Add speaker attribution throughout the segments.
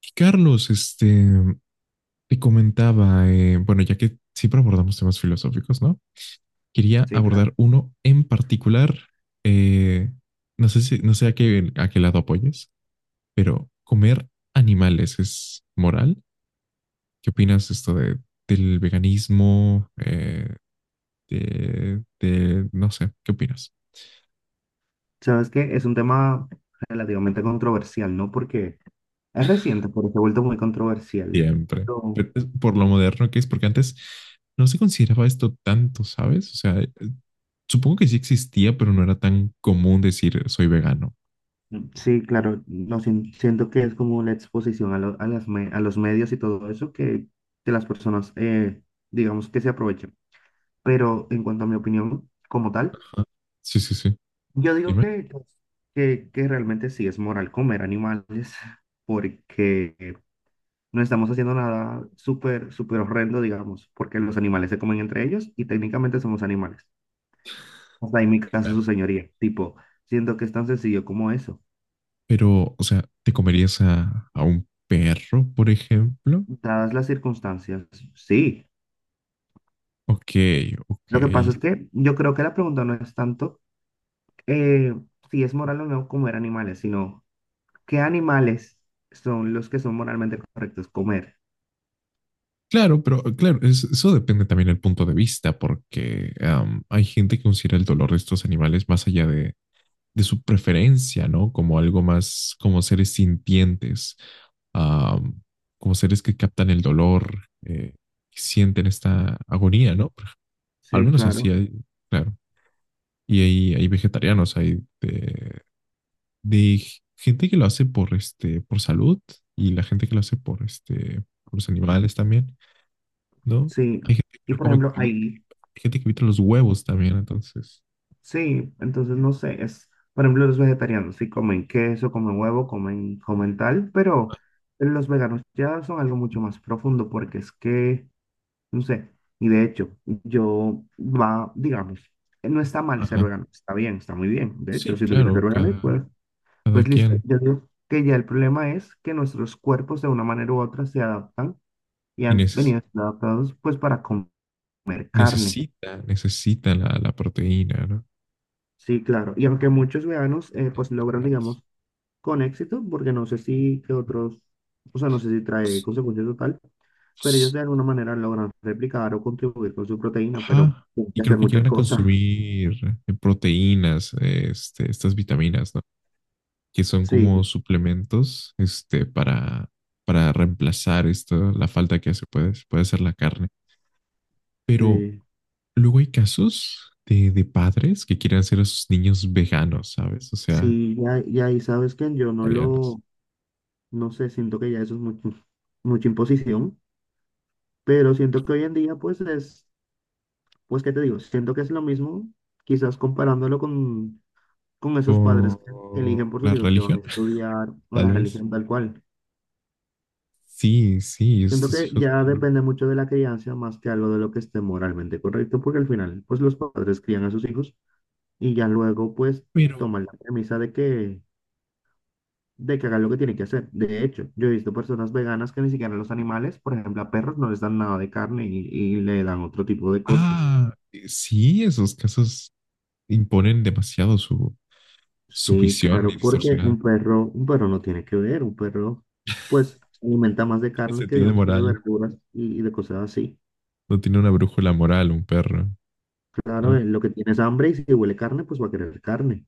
Speaker 1: Y Carlos, te comentaba, bueno, ya que siempre abordamos temas filosóficos, ¿no? Quería
Speaker 2: Sí,
Speaker 1: abordar
Speaker 2: claro.
Speaker 1: uno en particular. eh, no sé a qué lado apoyes, pero ¿comer animales es moral? ¿Qué opinas de esto del veganismo? No sé, ¿qué opinas?
Speaker 2: Sabes que es un tema relativamente controversial, ¿no? Porque es reciente, porque se ha vuelto muy controversial.
Speaker 1: Siempre.
Speaker 2: Pero
Speaker 1: Pero es por lo moderno que es, porque antes no se consideraba esto tanto, ¿sabes? O sea, supongo que sí existía, pero no era tan común decir soy vegano.
Speaker 2: sí, claro, no sien- siento que es como la exposición a, a a los medios y todo eso que las personas, digamos, que se aprovechan. Pero en cuanto a mi opinión como tal,
Speaker 1: Sí, sí, sí.
Speaker 2: yo digo
Speaker 1: Dime.
Speaker 2: que, pues, que realmente sí es moral comer animales, porque no estamos haciendo nada súper, súper horrendo, digamos, porque los animales se comen entre ellos y técnicamente somos animales. Hasta ahí mi caso,
Speaker 1: Claro.
Speaker 2: su señoría. Tipo, siento que es tan sencillo como eso.
Speaker 1: Pero, o sea, ¿te comerías a, un perro, por ejemplo?
Speaker 2: Dadas las circunstancias, sí.
Speaker 1: Ok, ok.
Speaker 2: Lo que pasa es que yo creo que la pregunta no es tanto eh, si es moral o no comer animales, sino qué animales son los que son moralmente correctos comer.
Speaker 1: Claro, pero claro, eso depende también del punto de vista, porque hay gente que considera el dolor de estos animales más allá de su preferencia, ¿no? Como algo más, como seres sintientes. am, Como seres que captan el dolor, que sienten esta agonía, ¿no? Al
Speaker 2: Sí,
Speaker 1: menos así
Speaker 2: claro.
Speaker 1: hay, claro. Y hay vegetarianos, hay de gente que lo hace por, por salud, y la gente que lo hace por los animales también, ¿no?
Speaker 2: Sí.
Speaker 1: Hay gente que
Speaker 2: Y
Speaker 1: no
Speaker 2: por
Speaker 1: come,
Speaker 2: ejemplo, ahí
Speaker 1: hay gente que evita los huevos también, entonces.
Speaker 2: sí, entonces no sé, es, por ejemplo, los vegetarianos sí comen queso, comen huevo, comen tal, pero los veganos ya son algo mucho más profundo porque es que, no sé, y de hecho, yo va, digamos, no está mal ser
Speaker 1: Ajá.
Speaker 2: vegano, está bien, está muy bien. De hecho,
Speaker 1: Sí,
Speaker 2: si tú quieres ser
Speaker 1: claro,
Speaker 2: vegano,
Speaker 1: cada,
Speaker 2: pues,
Speaker 1: cada
Speaker 2: pues listo.
Speaker 1: quien.
Speaker 2: Yo digo que ya el problema es que nuestros cuerpos de una manera u otra se adaptan y
Speaker 1: Y
Speaker 2: han venido
Speaker 1: neces-
Speaker 2: siendo adaptados pues para comer carne.
Speaker 1: necesita, necesita la proteína, ¿no?
Speaker 2: Sí, claro. Y aunque muchos veganos pues logran,
Speaker 1: Pues,
Speaker 2: digamos, con éxito, porque no sé si que otros, o sea, no sé si trae consecuencias total, pero ellos
Speaker 1: pues.
Speaker 2: de alguna manera logran replicar o contribuir con su proteína, pero
Speaker 1: Ajá.
Speaker 2: hay
Speaker 1: Y
Speaker 2: que hacer
Speaker 1: creo que
Speaker 2: muchas
Speaker 1: llegan a
Speaker 2: cosas.
Speaker 1: consumir proteínas, estas vitaminas, ¿no? Que son
Speaker 2: Sí,
Speaker 1: como suplementos, para, reemplazar esto, la falta que hace puede hacer la carne. Pero
Speaker 2: sí,
Speaker 1: luego hay casos de padres que quieren hacer a sus niños veganos, ¿sabes? O sea,
Speaker 2: sí, ya, y ahí sabes que yo no
Speaker 1: italianos.
Speaker 2: lo, no sé, siento que ya eso es mucho, mucha imposición, pero siento que hoy en día, pues es, pues, ¿qué te digo? Siento que es lo mismo, quizás comparándolo con esos padres que
Speaker 1: Por
Speaker 2: eligen por sus
Speaker 1: la
Speaker 2: hijos que van a
Speaker 1: religión,
Speaker 2: estudiar o
Speaker 1: tal
Speaker 2: la
Speaker 1: vez.
Speaker 2: religión tal cual.
Speaker 1: Sí, sí,
Speaker 2: Siento
Speaker 1: estos
Speaker 2: que
Speaker 1: hijos.
Speaker 2: ya depende mucho de la crianza más que algo de lo que esté moralmente correcto, porque al final, pues los padres crían a sus hijos y ya luego, pues,
Speaker 1: Pero,
Speaker 2: toman la premisa de que hagan lo que tienen que hacer. De hecho, yo he visto personas veganas que ni siquiera los animales, por ejemplo, a perros no les dan nada de carne y le dan otro tipo de cosas.
Speaker 1: sí, esos casos imponen demasiado su
Speaker 2: Sí,
Speaker 1: visión ni
Speaker 2: claro, porque
Speaker 1: distorsionada.
Speaker 2: un perro no tiene que ver, un perro, pues, se alimenta más de
Speaker 1: Tiene
Speaker 2: carnes que
Speaker 1: sentido de
Speaker 2: digamos que de
Speaker 1: moral.
Speaker 2: verduras y de cosas así.
Speaker 1: No tiene una brújula moral, un perro,
Speaker 2: Claro,
Speaker 1: ¿no?
Speaker 2: en lo que tienes hambre y si huele carne, pues va a querer carne.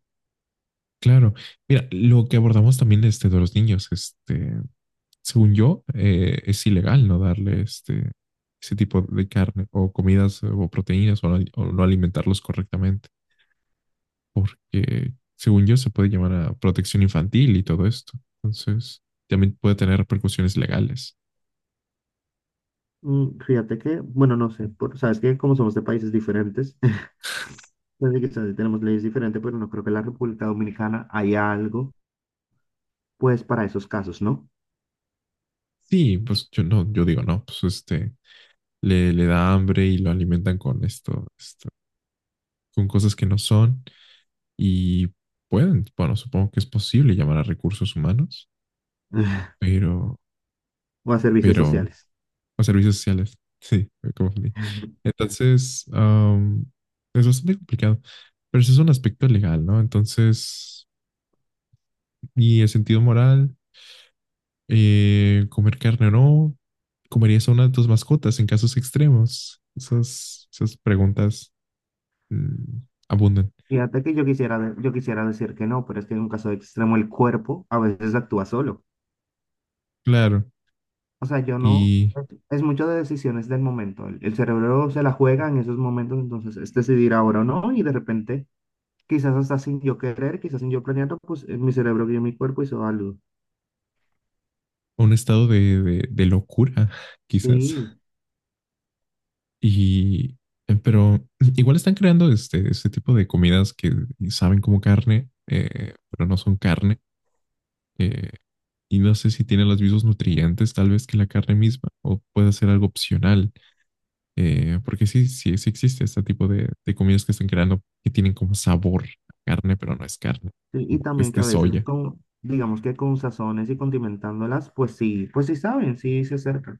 Speaker 1: Claro. Mira, lo que abordamos también, de los niños, según yo, es ilegal no darle, ese tipo de carne o comidas o proteínas, o no alimentarlos correctamente, porque según yo se puede llamar a protección infantil y todo esto. Entonces, también puede tener repercusiones legales.
Speaker 2: Mm, fíjate que, bueno, no sé, por, sabes que como somos de países diferentes, entonces quizás sí tenemos leyes diferentes, pero no creo que en la República Dominicana haya algo, pues, para esos casos, ¿no?
Speaker 1: Sí, pues yo no, yo digo no, pues le da hambre y lo alimentan con esto, con cosas que no son, y bueno, supongo que es posible llamar a recursos humanos, pero,
Speaker 2: O a servicios
Speaker 1: pero,
Speaker 2: sociales.
Speaker 1: a servicios sociales, sí, me confundí. Entonces, es bastante complicado, pero ese es un aspecto legal, ¿no? Entonces, y el sentido moral, comer carne o no, ¿comerías a una de tus mascotas en casos extremos? Esas, preguntas mm, abundan.
Speaker 2: Fíjate que yo quisiera, yo quisiera decir que no, pero es que en un caso extremo el cuerpo a veces actúa solo.
Speaker 1: Claro.
Speaker 2: O sea, yo no,
Speaker 1: Y
Speaker 2: es mucho de decisiones del momento. El cerebro se la juega en esos momentos, entonces es decidir ahora o no, y de repente, quizás hasta sin yo querer, quizás sin yo planearlo, pues mi cerebro guió mi cuerpo hizo algo.
Speaker 1: a un estado de locura, quizás.
Speaker 2: Sí.
Speaker 1: Y, pero igual están creando, este tipo de comidas que saben como carne, pero no son carne. eh, y no sé si tienen los mismos nutrientes tal vez que la carne misma, o puede ser algo opcional. Porque sí, sí, sí existe este tipo de comidas que están creando, que tienen como sabor a carne, pero no es carne.
Speaker 2: Sí, y
Speaker 1: Como
Speaker 2: también que a
Speaker 1: que
Speaker 2: veces
Speaker 1: soya.
Speaker 2: con, digamos que con sazones y condimentándolas, pues sí saben, sí se acercan.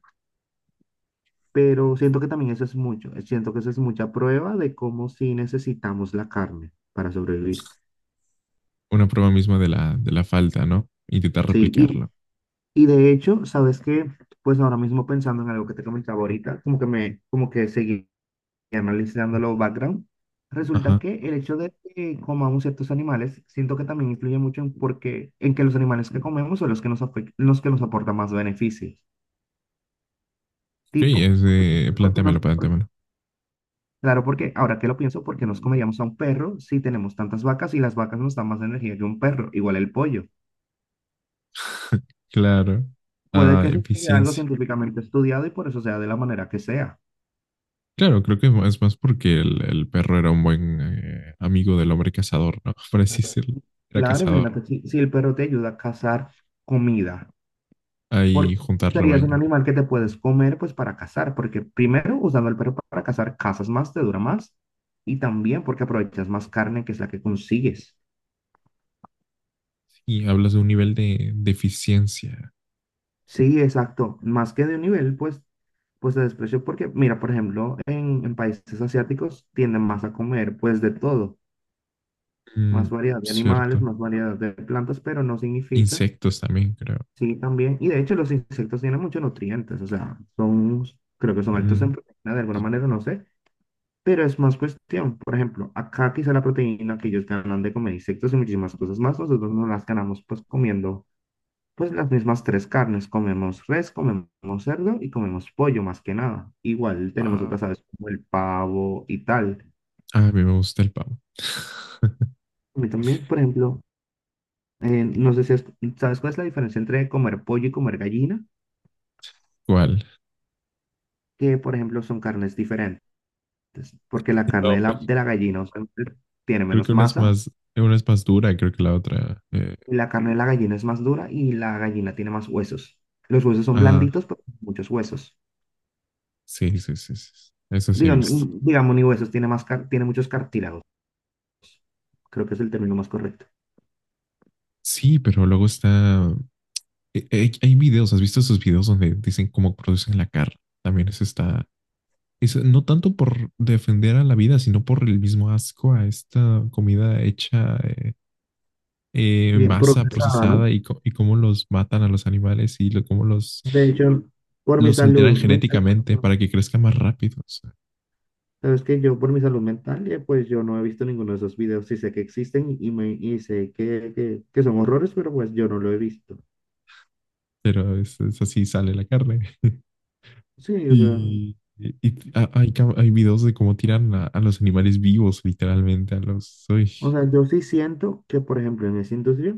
Speaker 2: Pero siento que también eso es mucho, siento que eso es mucha prueba de cómo sí necesitamos la carne para sobrevivir.
Speaker 1: Una prueba misma de la, falta, ¿no? Intentar
Speaker 2: Sí,
Speaker 1: replicarlo.
Speaker 2: y de hecho, ¿sabes qué? Pues ahora mismo pensando en algo que te comentaba ahorita, como que me, como que seguí analizando los background, resulta
Speaker 1: Ajá.
Speaker 2: que el hecho de que comamos ciertos animales, siento que también influye mucho en, porque, en que los animales que comemos son los que nos, los que nos aportan más beneficio.
Speaker 1: Sí,
Speaker 2: Tipo, porque nos,
Speaker 1: plantéamelo, plantéamelo.
Speaker 2: claro, porque ahora que lo pienso, ¿por qué nos comeríamos a un perro si tenemos tantas vacas y las vacas nos dan más energía que un perro? Igual el pollo.
Speaker 1: Claro.
Speaker 2: Puede
Speaker 1: Ah,
Speaker 2: que sea algo
Speaker 1: eficiencia.
Speaker 2: científicamente estudiado y por eso sea de la manera que sea.
Speaker 1: Claro, creo que es más porque el perro era un buen amigo del hombre cazador, ¿no? Por así decirlo. Era
Speaker 2: Claro,
Speaker 1: cazador.
Speaker 2: imagínate, si, si el perro te ayuda a cazar comida,
Speaker 1: Ahí
Speaker 2: porque
Speaker 1: juntar
Speaker 2: serías un
Speaker 1: rebaño.
Speaker 2: animal que te puedes comer pues para cazar, porque primero usando el perro para cazar, cazas más, te dura más, y también porque aprovechas más carne que es la que consigues.
Speaker 1: Y hablas de un nivel de, eficiencia.
Speaker 2: Sí, exacto. Más que de un nivel, pues, pues de desprecio, porque, mira, por ejemplo, en países asiáticos tienden más a comer, pues, de todo,
Speaker 1: Mm,
Speaker 2: más variedad de animales,
Speaker 1: cierto.
Speaker 2: más variedad de plantas, pero no significa,
Speaker 1: Insectos también, creo.
Speaker 2: sí, también, y de hecho los insectos tienen muchos nutrientes, o sea, son, creo que son altos
Speaker 1: Mm,
Speaker 2: en proteína de alguna manera, no sé, pero es más cuestión, por ejemplo, acá quizá la proteína que ellos ganan de comer insectos y muchísimas cosas más, nosotros no las ganamos, pues, comiendo pues las mismas tres carnes. Comemos res, comemos cerdo y comemos pollo más que nada. Igual tenemos
Speaker 1: pavo.
Speaker 2: otras aves como el pavo y tal.
Speaker 1: Ah, a mí me gusta el pavo.
Speaker 2: A mí también, por ejemplo, no sé si has- sabes cuál es la diferencia entre comer pollo y comer gallina,
Speaker 1: ¿Cuál?
Speaker 2: que por ejemplo son carnes diferentes, porque la
Speaker 1: No,
Speaker 2: carne
Speaker 1: güey.
Speaker 2: de la gallina usualmente tiene
Speaker 1: Creo que
Speaker 2: menos masa,
Speaker 1: una es más dura, creo que la otra.
Speaker 2: y la carne de la gallina es más dura y la gallina tiene más huesos. Los huesos son
Speaker 1: Ah,
Speaker 2: blanditos, pero muchos huesos.
Speaker 1: sí, sí, sí, sí. Eso sí he visto.
Speaker 2: Digamos, ni huesos, tiene más tiene muchos cartílagos. Creo que es el término más correcto.
Speaker 1: Sí, pero luego está. ¿Has visto esos videos donde dicen cómo producen la carne? También es está. Es, no tanto por defender a la vida, sino por el mismo asco a esta comida hecha, en
Speaker 2: Bien
Speaker 1: masa,
Speaker 2: procesada,
Speaker 1: procesada,
Speaker 2: ¿no?
Speaker 1: y y cómo los matan a los animales, y cómo los,
Speaker 2: De hecho, por mi
Speaker 1: los alteran
Speaker 2: salud mental, pues,
Speaker 1: genéticamente
Speaker 2: no.
Speaker 1: para que crezca más rápido. O sea,
Speaker 2: Sabes que yo por mi salud mental, pues yo no he visto ninguno de esos videos, sí sé que existen y, me, y sé que son horrores, pero pues yo no lo he visto.
Speaker 1: pero es así sale la carne.
Speaker 2: Sí,
Speaker 1: Y, hay videos de cómo tiran a, los animales vivos, literalmente, a los. Uy.
Speaker 2: o sea, yo sí siento que, por ejemplo, en esa industria,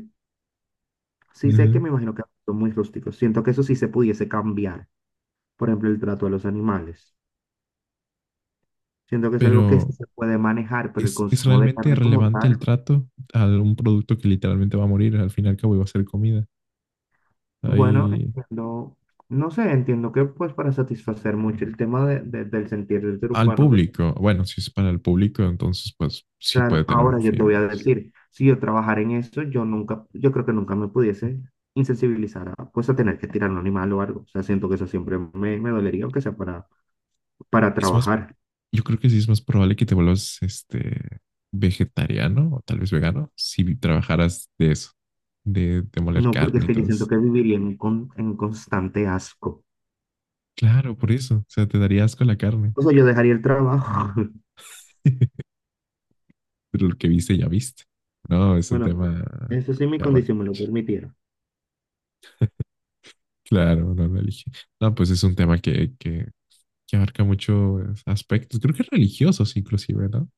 Speaker 2: sí sé
Speaker 1: Ujú.
Speaker 2: que me imagino que son muy rústicos, siento que eso sí se pudiese cambiar, por ejemplo, el trato a los animales. Siento que es algo que sí
Speaker 1: Pero
Speaker 2: se puede manejar, pero el
Speaker 1: es
Speaker 2: consumo de
Speaker 1: realmente
Speaker 2: carne como
Speaker 1: relevante el
Speaker 2: tal,
Speaker 1: trato a un producto que literalmente va a morir? Al fin y al cabo iba a ser comida.
Speaker 2: bueno,
Speaker 1: Ahí,
Speaker 2: entiendo, no sé, entiendo que pues para satisfacer mucho el tema de, del sentir del ser
Speaker 1: al
Speaker 2: humano pues
Speaker 1: público, bueno, si es para el público, entonces pues sí puede
Speaker 2: claro,
Speaker 1: tener
Speaker 2: ahora
Speaker 1: un
Speaker 2: yo
Speaker 1: fin
Speaker 2: te voy a
Speaker 1: más.
Speaker 2: decir, si yo trabajara en eso, yo nunca, yo creo que nunca me pudiese insensibilizar a, pues a tener que tirar un animal o algo, o sea, siento que eso siempre me, me dolería, aunque sea para
Speaker 1: Es más,
Speaker 2: trabajar,
Speaker 1: yo creo que sí es más probable que te vuelvas vegetariano, o tal vez vegano, si trabajaras de eso, de, moler
Speaker 2: no, porque es
Speaker 1: carne y
Speaker 2: que yo
Speaker 1: todo
Speaker 2: siento
Speaker 1: eso.
Speaker 2: que viviría en, en constante asco,
Speaker 1: Claro, por eso, o sea, te daría asco la carne,
Speaker 2: o sea, yo dejaría el trabajo,
Speaker 1: pero lo que viste ya viste. No, es un
Speaker 2: bueno,
Speaker 1: tema
Speaker 2: eso sí mi
Speaker 1: que abarca.
Speaker 2: condición me lo permitiera.
Speaker 1: Claro, la religión. No, pues es un tema que abarca muchos aspectos, creo que religiosos inclusive, ¿no?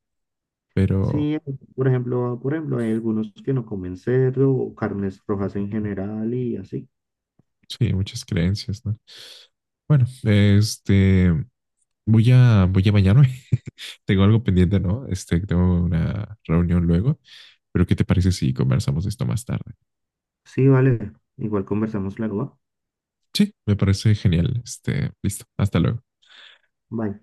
Speaker 1: Pero
Speaker 2: Sí, por ejemplo, hay algunos que no comen cerdo o carnes rojas en general y así.
Speaker 1: sí, muchas creencias, ¿no? Bueno, voy a, bañarme. Tengo algo pendiente, ¿no? Tengo una reunión luego, pero ¿qué te parece si conversamos de esto más tarde?
Speaker 2: Sí, vale. Igual conversamos luego,
Speaker 1: Sí, me parece genial. Listo, hasta luego.
Speaker 2: ¿va? Bye.